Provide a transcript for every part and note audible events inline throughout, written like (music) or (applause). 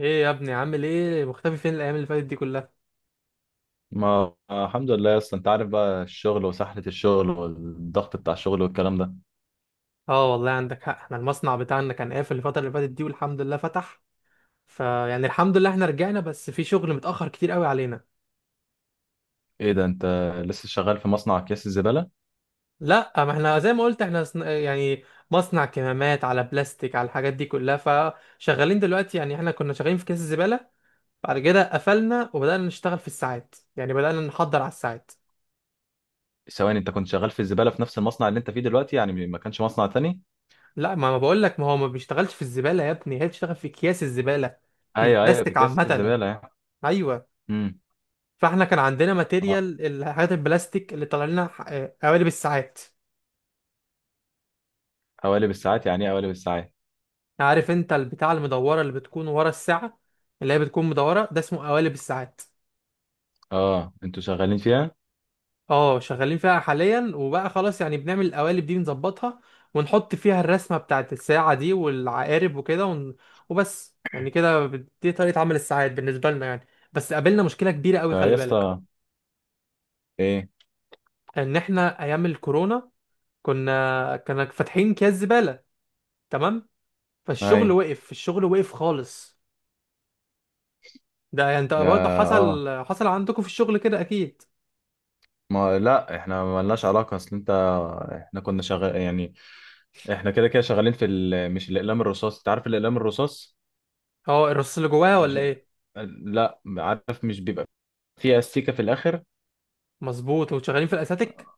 ايه يا ابني؟ عامل ايه؟ مختفي فين الايام اللي فاتت دي كلها؟ ما الحمد لله يا اسطى، انت عارف بقى الشغل وسحلة الشغل والضغط بتاع الشغل والكلام ده. اه والله عندك حق، احنا المصنع بتاعنا كان قافل الفتره اللي فاتت دي، والحمد لله فتح. فيعني الحمد لله احنا رجعنا، بس في شغل متاخر كتير قوي علينا. ايه ده؟ انت لسه شغال في مصنع اكياس الزبالة؟ لا، ما احنا زي ما قلت احنا مصنع كمامات، على بلاستيك، على الحاجات دي كلها. فشغالين دلوقتي، يعني احنا كنا شغالين في كيس الزباله، بعد كده قفلنا وبدانا نشتغل في الساعات، يعني بدانا نحضر على الساعات. ثواني، انت كنت شغال في الزبالة في نفس المصنع اللي انت فيه دلوقتي يعني؟ ما كانش مصنع تاني؟ لا، ما بقول لك، ما هو ما بيشتغلش في الزباله يا ابني، هي بتشتغل في اكياس الزباله، في ايوه، ايوه، في البلاستيك اكياس عامه. الزبالة يعني. ايوه. امم. فاحنا كان عندنا اه، ماتيريال الحاجات البلاستيك اللي طالع لنا قوالب الساعات. حوالي بالساعات؟ يعني ايه حوالي بالساعات؟ عارف انت البتاع المدوره اللي بتكون ورا الساعه، اللي هي بتكون مدوره، ده اسمه قوالب الساعات. اه، انتوا شغالين فيها انت؟ اه شغالين فيها حاليا، وبقى خلاص يعني بنعمل القوالب دي نظبطها، ونحط فيها الرسمه بتاعت الساعه دي والعقارب وكده وبس يعني كده. دي طريقه عمل الساعات بالنسبه لنا يعني. بس قابلنا مشكله كبيره قوي، يا خلي بالك، اسطى، ايه؟ ان احنا ايام الكورونا كنا فاتحين اكياس زباله، تمام؟ اي، فالشغل وقف، الشغل وقف خالص. ده يعني انت يا، برضه اه. حصل عندكم في الشغل كده اكيد. ما، لا احنا ملناش علاقة، اصل انت، احنا كنا شغال يعني. احنا كده كده شغالين في مش، الاقلام الرصاص، انت عارف الاقلام الرصاص؟ اه، الرصاص اللي جواها مش ولا ايه؟ لا، عارف مش بيبقى فيها استيكة في الآخر؟ مظبوط، انتوا شغالين في الاساتيك.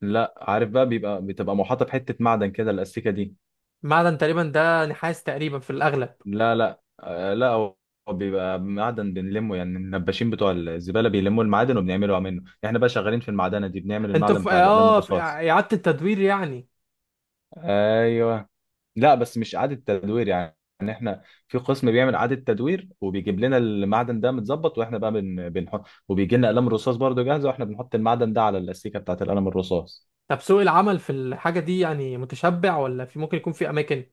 لا، عارف بقى بتبقى محاطة بحتة معدن كده الأستيكة دي. معدن تقريبا، ده نحاس تقريبا في الاغلب. لا لا، لا، هو بيبقى معدن بنلمه، يعني النباشين بتوع الزبالة بيلموا المعادن وبنعملوا منه، احنا بقى شغالين في المعدنة دي، بنعمل انتوا المعدن في بتاع الأقلام اه في الرصاص. اعاده التدوير يعني. ايوه. لا، بس مش إعادة تدوير يعني احنا في قسم بيعمل إعادة تدوير وبيجيب لنا المعدن ده متظبط، واحنا بقى بنحط، وبيجي لنا قلم رصاص برضه جاهزة، واحنا بنحط المعدن ده على الأستيكة بتاعت القلم الرصاص. طب سوق العمل في الحاجه دي يعني متشبع ولا في ممكن يكون في اماكن؟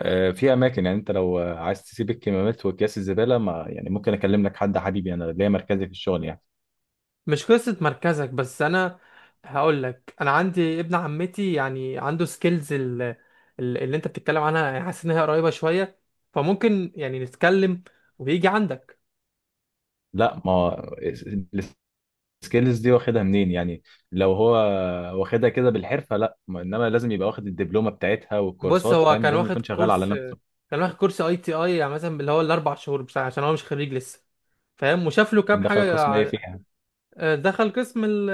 في اماكن يعني، انت لو عايز تسيب الكمامات واكياس الزباله، ما يعني ممكن اكلم لك حد، حبيبي انا ليا مركزي في الشغل يعني. مش قصة مركزك، بس أنا هقول لك، أنا عندي ابن عمتي يعني عنده سكيلز اللي أنت بتتكلم عنها، يعني حاسس إن هي قريبة شوية، فممكن يعني نتكلم ويجي عندك. لا، ما هو السكيلز دي واخدها منين يعني؟ لو هو واخدها كده بالحرفه لا، انما لازم يبقى واخد الدبلومه بتاعتها بص، والكورسات، هو فاهم؟ كان لازم واخد يكون شغال على كورس، نفسه. كان واخد كورس أي تي أي، يعني مثلا اللي هو الأربع شهور بتاع، عشان هو مش خريج لسه، فاهم؟ وشاف له كام دخل حاجة. قسم ايه فيها؟ دخل قسم ال-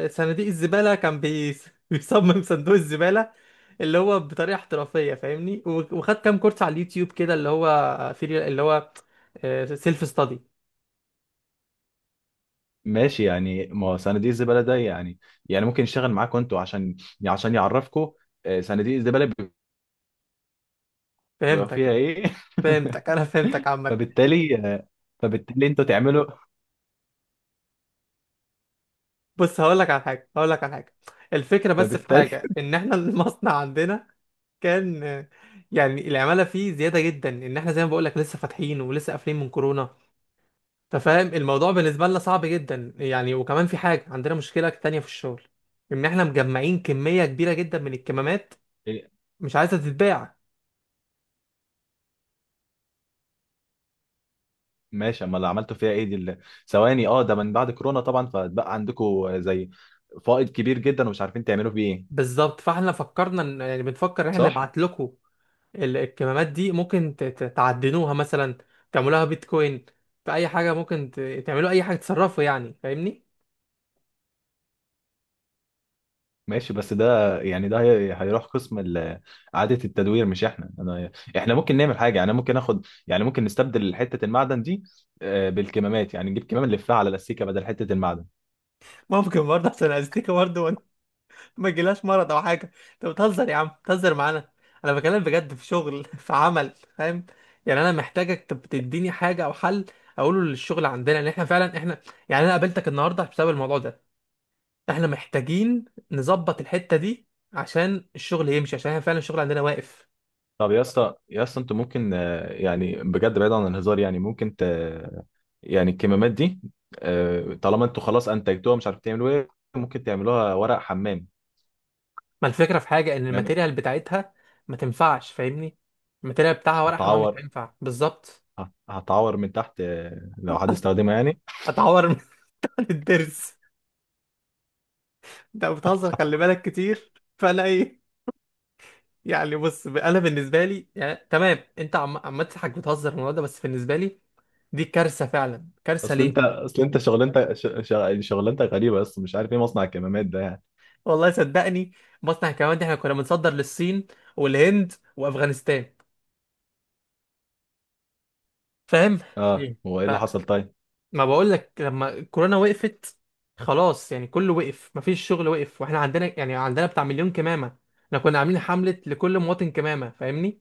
ال- صناديق الزبالة، كان (laughs) بيصمم صندوق الزبالة اللي هو بطريقة احترافية، فاهمني. وخد كام كورس على اليوتيوب كده، اللي هو في اللي هو سيلف ستادي. ماشي، يعني ما هو صناديق الزباله ده يعني، يعني ممكن يشتغل معاكم انتوا عشان، عشان يعرفكم. آه، صناديق الزباله بيبقى فيها فهمتك، ايه؟ (laughs) فهمتك، انا فهمتك عامة. فبالتالي، فبالتالي انتوا تعملوا، بص هقول لك على حاجة، هقول لك على حاجة. الفكرة بس في فبالتالي حاجة، ان احنا (laughs) المصنع عندنا كان يعني العمالة فيه زيادة جدا، ان احنا زي ما بقول لك لسه فاتحين ولسه قافلين من كورونا، انت فاهم؟ الموضوع بالنسبه لنا صعب جدا يعني. وكمان في حاجه عندنا، مشكله تانية في الشغل، ان احنا مجمعين كميه كبيره جدا من الكمامات، إيه؟ مش عايزه تتباع. ماشي، اما اللي عملته فيها ايه؟ ثواني، اه، ده من بعد كورونا طبعا، فبقى عندكم زي فائض كبير جدا ومش عارفين تعملوا فيه ايه. بالظبط، فاحنا فكرنا ان، يعني بنفكر ان احنا صح. نبعت لكم الكمامات دي، ممكن تعدنوها مثلا، تعملوها بيتكوين، في اي حاجه ممكن تعملوا اي حاجه، تصرفوا يعني، فاهمني؟ ماشي بس ده يعني، ده هيروح قسم إعادة التدوير، مش احنا. أنا، احنا ممكن نعمل حاجة، يعني ممكن ناخد، يعني ممكن نستبدل حتة المعدن دي بالكمامات، يعني نجيب كمام نلفها على الأسيكة بدل حتة المعدن. ممكن برضه، عشان الاستيكه برضه ما يجيلهاش مرض او حاجه. انت بتهزر يا عم، بتهزر معانا، انا بكلم بجد في شغل (laughs) في عمل، فاهم؟ يعني انا محتاجك تديني حاجه او حل اقوله للشغل عندنا، ان احنا فعلا احنا، يعني انا قابلتك النهارده بسبب الموضوع ده. احنا محتاجين نظبط الحته دي عشان الشغل يمشي، عشان احنا فعلا الشغل عندنا واقف. طب يا اسطى، يا اسطى انتوا ممكن يعني بجد بعيد عن الهزار يعني ممكن ت... يعني الكمامات دي، طالما انتوا خلاص انتجتوها مش عارف تعملوا ايه، ممكن تعملوها ورق حمام. ما الفكره في حاجه، ان يعني الماتيريال بتاعتها ما تنفعش، فاهمني؟ الماتيريال بتاعها ورق حمام مش هتعور هينفع بالظبط. هتعور من تحت لو حد استخدمها يعني. هتعور (laughs) من الدرس. انت بتهزر، خلي بالك كتير. فانا ايه يعني، بص انا بالنسبه لي، يعني تمام انت عم تضحك، بتهزر في الموضوع ده، بس بالنسبه لي دي كارثه، فعلا كارثه. اصل انت، ليه؟ اصل انت شغلانتك يعني شغلانتك غريبه، بس مش عارف ايه مصنع الكمامات ده يعني. والله صدقني، مصنع الكمامات دي احنا كنا بنصدر للصين والهند وافغانستان، فاهم؟ اه، مم. هو ايه اللي حصل فما طيب؟ بقول لك، لما الكورونا وقفت، خلاص يعني كله وقف، مفيش شغل، وقف، واحنا عندنا يعني عندنا بتاع 1000000 كمامه. احنا كنا عاملين حمله لكل مواطن كمامه، فاهمني؟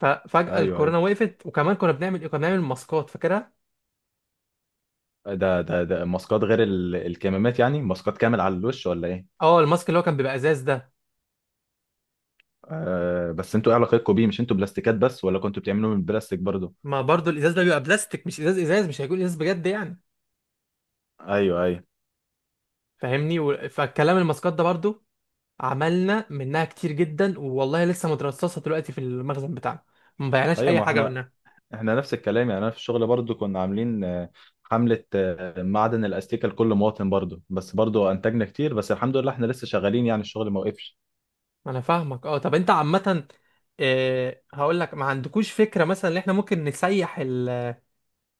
ففجاه ايوه، ايوه، الكورونا وقفت. وكمان كنا بنعمل ايه، كنا بنعمل ماسكات، فاكرها؟ ده ماسكات غير الكمامات يعني، ماسكات كامل على الوش ولا ايه؟ اه الماسك اللي هو كان بيبقى ازاز ده. آه، بس انتوا ايه علاقتكم بيه؟ مش انتوا بلاستيكات بس ولا كنتوا بتعملوا من البلاستيك برضو؟ ما برضو الازاز ده بيبقى بلاستيك، مش ازاز، ازاز مش هيكون ازاز بجد يعني، ايوه، ايوه. فاهمني. فالكلام الماسكات ده برضو عملنا منها كتير جدا والله، لسه مترصصه دلوقتي في المخزن بتاعنا، ما بيعناش ايوه اي ما حاجه احنا منها. احنا نفس الكلام يعني، انا في الشغل برضو كنا عاملين حملة معدن الاستيكة لكل مواطن برضو، بس برضو انتجنا كتير، بس الحمد لله احنا لسه شغالين يعني الشغل ما وقفش. انا فاهمك، اه. طب انت عامه، هقول لك، ما عندكوش فكره مثلا ان احنا ممكن نسيح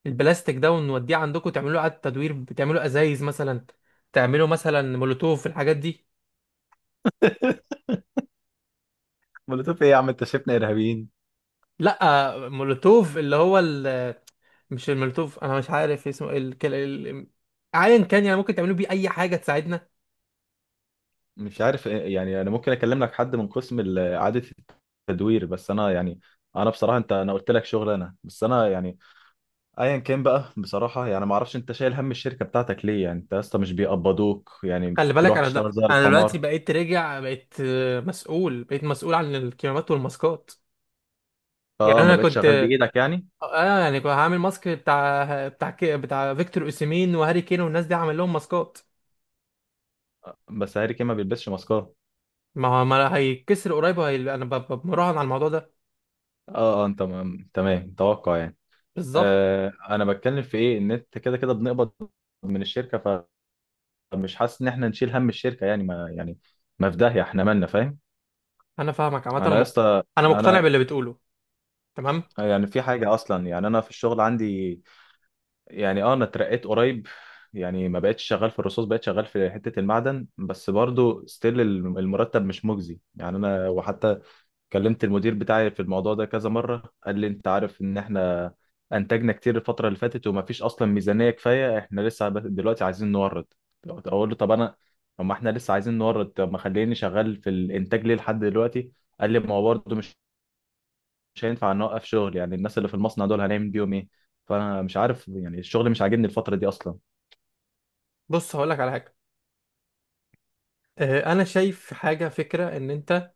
البلاستيك ده ونوديه عندكم، تعملوا اعاده تدوير، بتعملوا ازايز مثلا، تعملوا مثلا مولوتوف، الحاجات دي. (laughs) مولوتوف ايه يا عم؟ انت شايفنا ارهابيين؟ لا مولوتوف اللي هو مش المولوتوف، انا مش عارف اسمه ايه، ايا كان يعني، ممكن تعملوا بيه اي حاجه تساعدنا. مش عارف يعني انا ممكن اكلم لك حد من قسم اعاده التدوير، بس انا يعني، انا بصراحه انت، انا قلت لك شغل انا، بس انا يعني، ايا كان بقى بصراحه، يعني ما اعرفش انت شايل هم الشركه بتاعتك ليه يعني، انت اصلا مش بيقبضوك يعني. خلي بالك بتروح انا، ده تشتغل زي انا دلوقتي الحمار. بقيت راجع، بقيت مسؤول، بقيت مسؤول عن الكمامات والماسكات. يعني اه، ما انا بقتش كنت شغال بايدك يعني. يعني كنت هعمل ماسك بتاع بتاع بتاع فيكتور اوسيمين وهاري كين والناس دي، هعمل لهم ماسكات. بس هاري كين ما بيلبسش ماسكات. ما هو ما هيتكسر قريب وهي... انا ب... ب- مراهن على الموضوع ده. اه، اه، انت تمام توقع يعني. بالظبط. آه، انا بتكلم في ايه ان انت كده كده بنقبض من الشركه، فمش حاسس ان احنا نشيل هم الشركه يعني، ما يعني، ما في داهيه احنا مالنا فاهم. انا فاهمك عامه، انا يا اسطى، انا مقتنع انا باللي بتقوله، تمام. يعني في حاجه اصلا، يعني انا في الشغل عندي، يعني انا اترقيت قريب، يعني ما بقتش شغال في الرصاص، بقيت شغال في حتة المعدن، بس برضو ستيل المرتب مش مجزي يعني، انا وحتى كلمت المدير بتاعي في الموضوع ده كذا مرة، قال لي انت عارف ان احنا انتجنا كتير الفترة اللي فاتت، وما فيش اصلا ميزانية كفاية، احنا لسه دلوقتي عايزين نورد. اقول له طب انا، طب ما احنا لسه عايزين نورد، طب ما خليني شغال في الانتاج ليه لحد دلوقتي؟ قال لي ما هو برضه مش هينفع نوقف شغل يعني، الناس اللي في المصنع دول هنعمل بيهم ايه؟ فانا مش عارف، يعني الشغل مش عاجبني الفتره دي اصلا. بص هقول لك على حاجه، انا شايف حاجه، فكره ان انت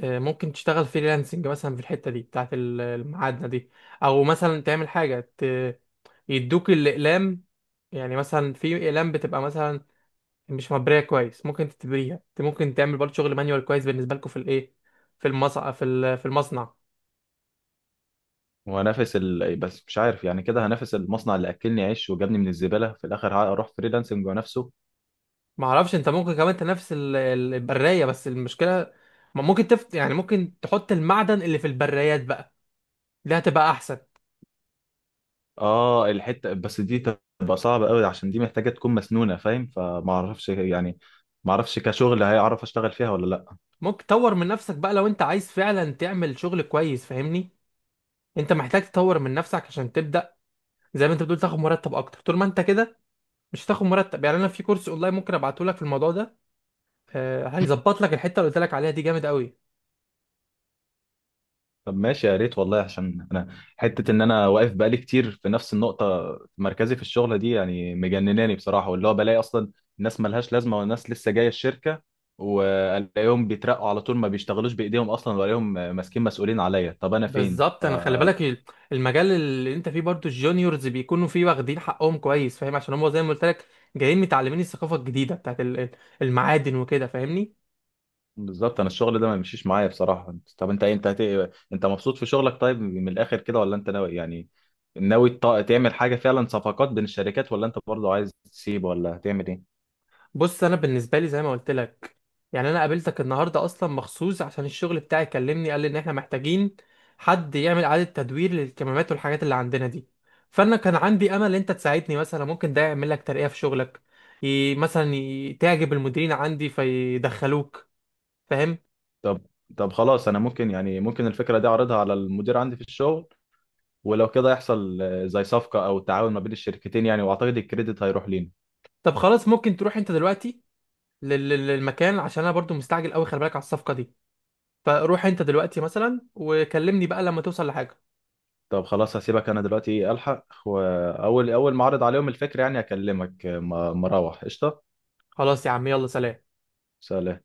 ممكن تشتغل فريلانسنج مثلا في الحته دي بتاعت المعادنه دي، او مثلا تعمل حاجه يدوك الاقلام. يعني مثلا في اقلام بتبقى مثلا مش مبريه كويس، ممكن تتبريها انت، ممكن تعمل برضه شغل مانيوال كويس بالنسبه لكم في الايه، في المصنع، في في المصنع. وهنافس بس مش عارف يعني كده هنافس المصنع اللي اكلني عيش وجابني من الزباله؟ في الاخر هروح فريلانسنج ونفسه. ما اعرفش، انت ممكن كمان تنافس البرايه، بس المشكله ما ممكن تفت، يعني ممكن تحط المعدن اللي في البرايات بقى، دي هتبقى احسن. اه الحته بس دي تبقى صعبه قوي عشان دي محتاجه تكون مسنونه فاهم، فما اعرفش يعني، ما اعرفش كشغل هيعرف اشتغل فيها ولا لا. ممكن تطور من نفسك بقى، لو انت عايز فعلا تعمل شغل كويس، فاهمني؟ انت محتاج تطور من نفسك عشان تبدا زي ما انت بتقول تاخد مرتب اكتر. طول ما انت كده مش هتاخد مرتب. يعني انا في كورس اونلاين ممكن ابعته لك في الموضوع ده، هيظبط لك الحته اللي قلت لك عليها دي، جامد قوي. طب ماشي يا ريت والله، عشان انا حته ان انا واقف بقالي كتير في نفس النقطه مركزي في الشغله دي يعني مجنناني بصراحه، واللي هو بلاقي اصلا الناس ملهاش لازمه، والناس لسه جايه الشركه والاقيهم بيترقوا على طول، ما بيشتغلوش بايديهم اصلا، والاقيهم ماسكين مسؤولين عليا. طب انا فين بالظبط. انا خلي بالك المجال اللي انت فيه برضو الجونيورز بيكونوا فيه واخدين حقهم كويس، فاهم؟ عشان هم زي ما قلت لك جايين متعلمين الثقافه الجديده بتاعت المعادن وكده، فاهمني؟ بالظبط، انا الشغل ده ما بيمشيش معايا بصراحه. طب انت إيه؟ انت مبسوط في شغلك طيب من الاخر كده، ولا انت ناوي يعني ناوي تعمل حاجه فعلا صفقات بين الشركات، ولا انت برضه عايز تسيب، ولا هتعمل ايه؟ بص انا بالنسبه لي زي ما قلت لك، يعني انا قابلتك النهارده اصلا مخصوص عشان الشغل بتاعي كلمني، قال لي ان احنا محتاجين حد يعمل اعاده تدوير للكمامات والحاجات اللي عندنا دي. فانا كان عندي امل ان انت تساعدني مثلا، ممكن ده يعمل لك ترقيه في شغلك، مثلا تعجب المديرين عندي فيدخلوك، فاهم؟ طب طب خلاص انا ممكن، يعني ممكن الفكره دي اعرضها على المدير عندي في الشغل، ولو كده يحصل زي صفقه او تعاون ما بين الشركتين يعني، واعتقد الكريدت هيروح لينا. طب خلاص ممكن تروح انت دلوقتي للمكان، عشان انا برضو مستعجل قوي، خلي بالك على الصفقه دي. فروح انت دلوقتي مثلا وكلمني بقى لما توصل لحاجه. طب خلاص هسيبك انا دلوقتي، ايه الحق، واول اول ما اعرض عليهم الفكره يعني اكلمك. ما اروح قشطه. خلاص يا عم، يلا سلام. سلام.